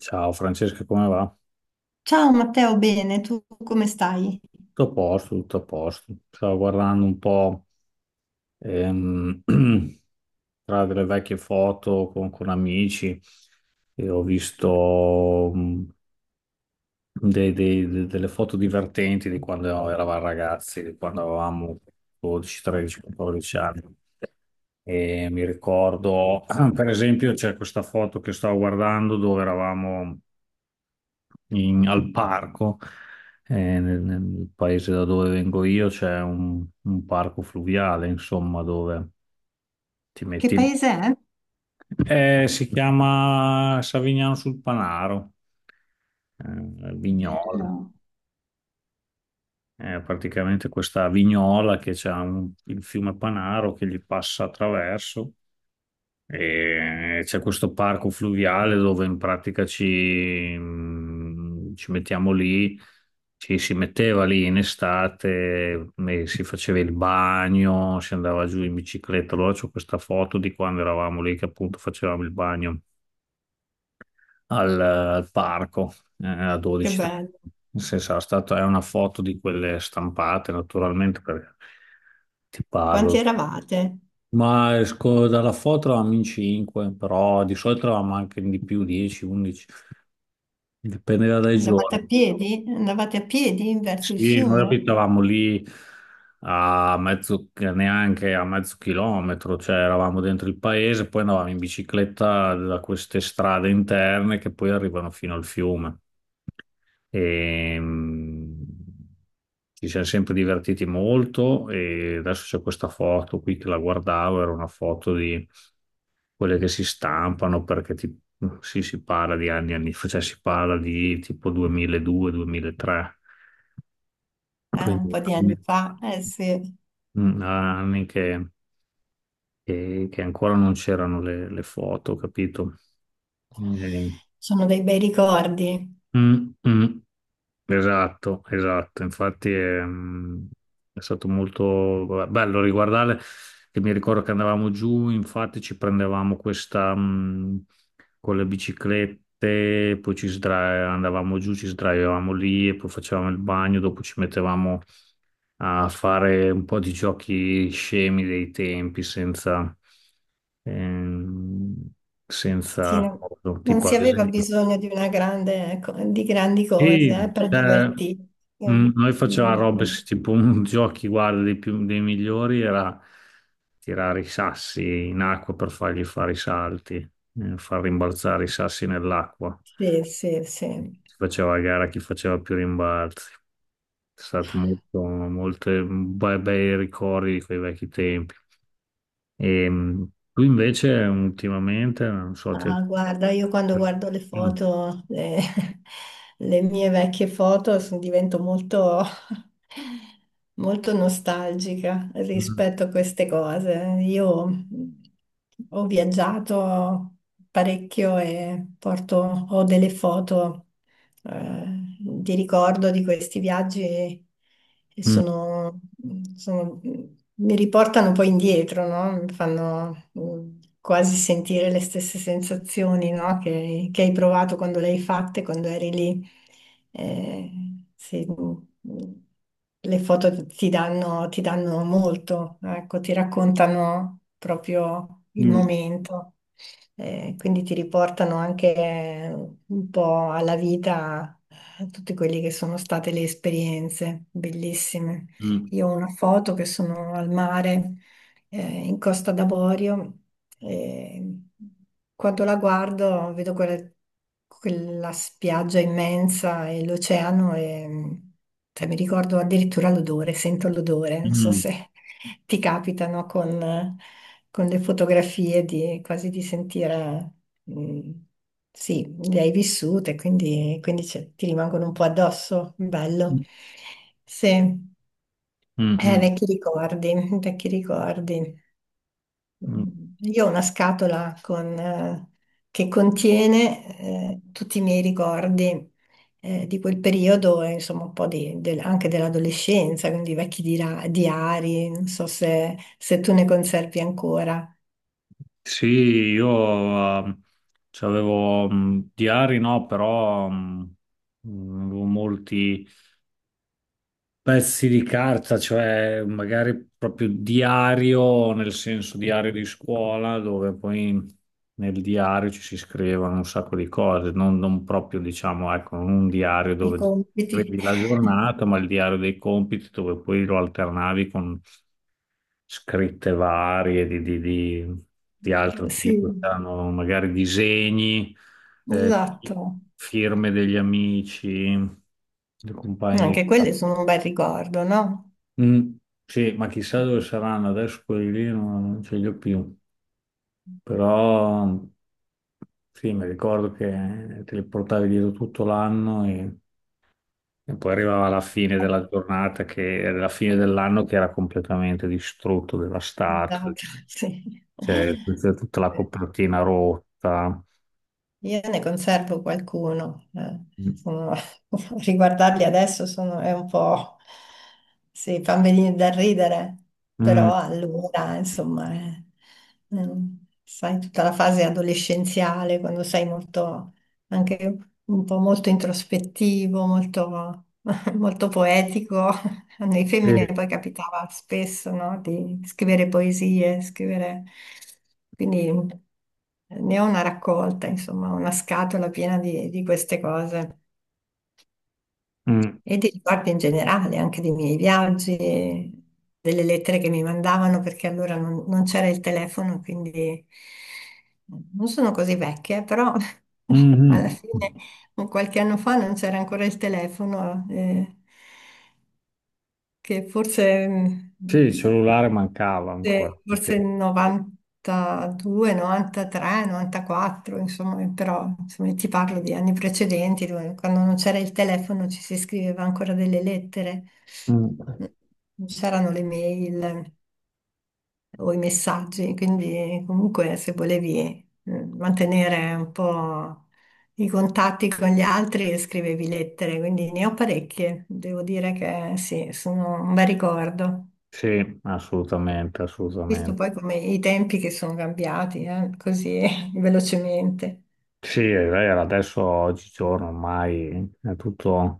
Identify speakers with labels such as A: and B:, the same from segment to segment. A: Ciao Francesca, come va?
B: Ciao Matteo, bene, tu come stai?
A: Tutto a posto, tutto a posto. Stavo guardando un po' ehm, tra delle vecchie foto con amici e ho visto delle foto divertenti di quando eravamo ragazzi, di quando avevamo 12, 13, 14 anni. E mi ricordo, per esempio, c'è questa foto che stavo guardando dove eravamo al parco, nel paese da dove vengo io c'è un parco fluviale, insomma, dove ti
B: Che
A: metti lì.
B: paese è?
A: Si chiama Savignano sul Panaro, Vignola.
B: No.
A: È praticamente questa vignola che c'ha il fiume Panaro che gli passa attraverso. E c'è questo parco fluviale dove in pratica ci mettiamo lì, ci si metteva lì in estate, e si faceva il bagno, si andava giù in bicicletta. Allora c'ho questa foto di quando eravamo lì che appunto facevamo il bagno al parco, a
B: Che
A: 12.
B: bello.
A: Nel senso, è una foto di quelle stampate naturalmente perché ti
B: Quanti
A: parlo.
B: eravate?
A: Ma esco dalla foto eravamo in 5, però di solito eravamo anche di più, 10, 11, dipendeva dai
B: Andavate a
A: giorni.
B: piedi? Andavate a piedi verso il
A: Sì, noi
B: fiume?
A: abitavamo lì a mezzo, neanche a mezzo chilometro, cioè eravamo dentro il paese, poi andavamo in bicicletta da queste strade interne che poi arrivano fino al fiume. E, mm, Ci siamo sempre divertiti molto e adesso c'è questa foto qui che la guardavo, era una foto di quelle che si stampano perché sì, si parla di anni e anni fa, cioè si parla di tipo 2002-2003,
B: Un
A: quindi
B: po' di
A: anni,
B: anni fa. Eh sì,
A: anni che ancora non c'erano le foto, capito? Eh,
B: sono dei bei ricordi.
A: mm, mm. Esatto, esatto, infatti è, è stato molto bello riguardare, che mi ricordo che andavamo giù, infatti ci prendevamo questa con le biciclette, poi andavamo giù, ci sdraiavamo lì e poi facevamo il bagno, dopo ci mettevamo a fare un po' di giochi scemi dei tempi senza, ehm,
B: Sì,
A: senza,
B: non
A: tipo
B: si
A: ad
B: aveva
A: esempio.
B: bisogno di una grande, di grandi cose,
A: Sì,
B: per
A: cioè,
B: divertirsi. Eh,
A: Noi facevamo
B: mm,
A: robe, tipo un giochi, guarda, dei migliori era tirare i sassi in acqua per fargli fare i salti, far rimbalzare i sassi nell'acqua.
B: Sì, sì, sì.
A: Si faceva a gara chi faceva più rimbalzi. È stato molto, molte bei ricordi di quei vecchi tempi. E, mm, Tu invece ultimamente, non so, ti...
B: Ah, guarda, io quando guardo le
A: Mm,
B: foto, le, le mie vecchie foto, divento molto, molto nostalgica
A: mm,
B: rispetto a queste cose. Io ho viaggiato parecchio e porto, ho delle foto eh, di ricordo di questi viaggi e
A: mm,
B: sono- mi riportano poi indietro, no? Mi fanno quasi sentire le stesse sensazioni, no? Che hai provato quando le hai fatte, quando eri lì. Eh, sì. mm, le foto ti danno, ti danno molto, ecco, ti raccontano proprio il
A: mm,
B: momento, quindi ti riportano anche un po' alla vita tutte quelle che sono state le esperienze bellissime.
A: mm.
B: Io ho una foto che sono al mare in Costa d'Avorio. E quando la guardo vedo quella spiaggia immensa e l'oceano e cioè, mi ricordo addirittura l'odore, sento l'odore, non so
A: Mm.
B: se ti capitano con le fotografie di, quasi di sentire. Mm, sì, le hai vissute, quindi ti rimangono un po' addosso. Bello.
A: Mm.
B: Sì,
A: Mm, mm,
B: vecchi ricordi, vecchi ricordi.
A: mm.
B: Io ho una scatola con, che contiene tutti i miei ricordi di quel periodo, e, insomma un po' anche dell'adolescenza, quindi vecchi diari, non so se tu ne conservi ancora
A: Sì, io ehm, c'avevo diari, no, però avevo molti, pezzi di carta, cioè magari proprio diario, nel senso diario di scuola, dove poi nel diario ci si scrivono un sacco di cose, non proprio diciamo, ecco, non un diario
B: i
A: dove
B: compiti.
A: scrivi la giornata, ma il diario dei compiti dove poi lo alternavi con scritte varie di altro
B: Sì,
A: tipo, c'erano magari disegni, eh,
B: esatto.
A: firme degli amici, dei compagni di.
B: Anche quelli sono un bel ricordo, no?
A: Mm, sì, ma chissà dove saranno adesso quelli lì, non ce li ho più. Però sì, mi ricordo che te li portavi dietro tutto l'anno e poi arrivava la fine della giornata, che era la fine dell'anno che era completamente distrutto, devastato,
B: Esatto, sì.
A: cioè tutta la copertina rotta.
B: Io ne conservo qualcuno,
A: Mm,
B: sono- riguardarli adesso è un po', sì, fa venire da ridere,
A: mm,
B: però allora, insomma, mm, sai, tutta la fase adolescenziale, quando sei molto, anche un po' molto introspettivo, molto, molto poetico, a noi femmine
A: sì,
B: poi capitava spesso, no, di scrivere poesie, scrivere. Quindi ne ho una raccolta, insomma, una scatola piena di queste cose
A: mm,
B: e di ricordi in generale, anche dei miei viaggi, delle lettere che mi mandavano, perché allora non c'era il telefono, quindi non sono così vecchia, però alla
A: mhm.
B: fine un qualche anno fa non c'era ancora il telefono, che forse. mm,
A: Sì, il cellulare mancava ancora.
B: forse,
A: Sì,
B: forse 92, 93, 94, insomma, però insomma, ti parlo di anni precedenti, quando non c'era il telefono ci si scriveva ancora delle lettere,
A: mm,
B: non c'erano le mail o i messaggi, quindi comunque se volevi mantenere un po' i contatti con gli altri, scrivevi lettere, quindi ne ho parecchie, devo dire che sì, sono un bel ricordo.
A: sì, assolutamente,
B: Visto
A: assolutamente.
B: poi come i tempi che sono cambiati, così velocemente.
A: Sì, è vero, adesso oggigiorno ormai è tutto,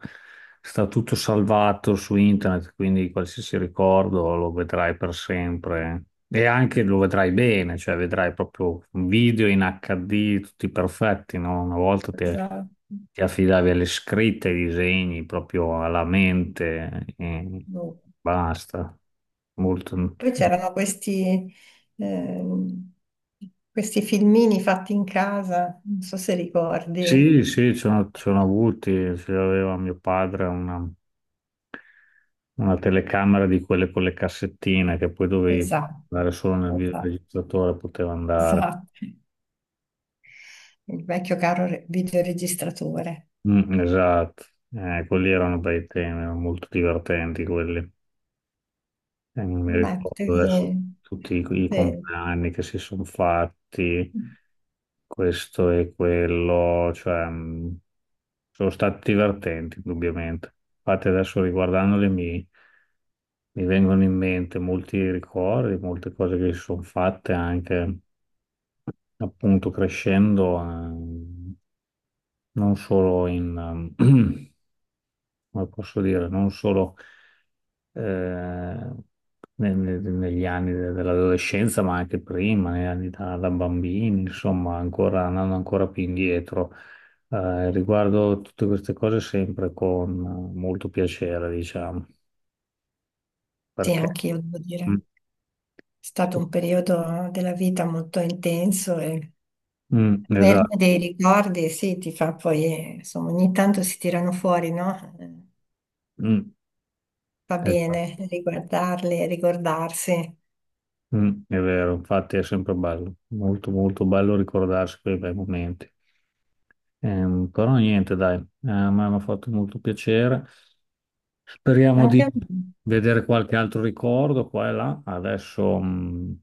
A: sta tutto salvato su internet, quindi qualsiasi ricordo lo vedrai per sempre e anche lo vedrai bene, cioè vedrai proprio un video in HD tutti perfetti, no? Una volta
B: Esatto.
A: ti affidavi alle scritte, ai disegni, proprio alla mente e
B: Boh.
A: basta. Molto...
B: Poi c'erano ehm, questi filmini fatti in casa, non so se ricordi.
A: Sì, sì, ci sono avuti, ce l'aveva mio padre una telecamera di quelle con le cassettine che poi dovevi far
B: Esatto,
A: andare solo nel
B: esatto,
A: videoregistratore, poteva andare.
B: esatto. Il vecchio caro videoregistratore.
A: Mm, esatto. Quelli erano bei temi, erano molto divertenti quelli. Non mi
B: Ma
A: ricordo
B: sì,
A: adesso tutti i
B: sì,
A: compleanni che si sono fatti, questo e quello, cioè sono stati divertenti, indubbiamente. Infatti adesso riguardandoli mi vengono in mente molti ricordi, molte cose che si sono fatte anche appunto crescendo, non solo in, ehm, come posso dire, non solo eh, negli anni dell'adolescenza, ma anche prima, negli anni da bambini, insomma, ancora, andando ancora più indietro. Riguardo tutte queste cose sempre con molto piacere, diciamo,
B: sì,
A: perché...
B: anch'io devo
A: Mm,
B: dire. È stato un periodo della vita molto intenso e
A: mm, esatto,
B: verme dei ricordi, sì, ti fa poi, insomma, ogni tanto si tirano fuori, no?
A: mm,
B: Va
A: esatto,
B: bene riguardarli, ricordarsi.
A: mm, è vero, infatti è sempre bello, molto molto bello ricordarsi quei bei momenti. Però niente, dai, mi hanno fatto molto piacere. Speriamo
B: Anche
A: di
B: a me.
A: vedere qualche altro ricordo qua e là. Adesso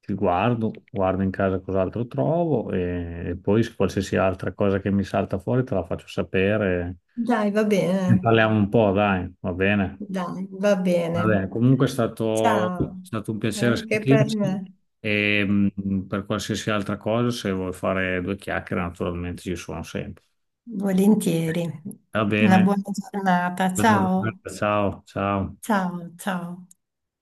A: guardo in casa cos'altro trovo e poi se qualsiasi altra cosa che mi salta fuori te la faccio sapere.
B: Dai, va bene,
A: Ne parliamo un po', dai, va bene.
B: dai, va
A: Va bene,
B: bene.
A: comunque è
B: Ciao,
A: stato un piacere
B: anche per
A: sentirci
B: me.
A: e per qualsiasi altra cosa, se vuoi fare due chiacchiere, naturalmente ci sono sempre.
B: Volentieri.
A: Va
B: Una
A: bene,
B: buona giornata.
A: allora,
B: Ciao,
A: ciao, ciao.
B: ciao, ciao.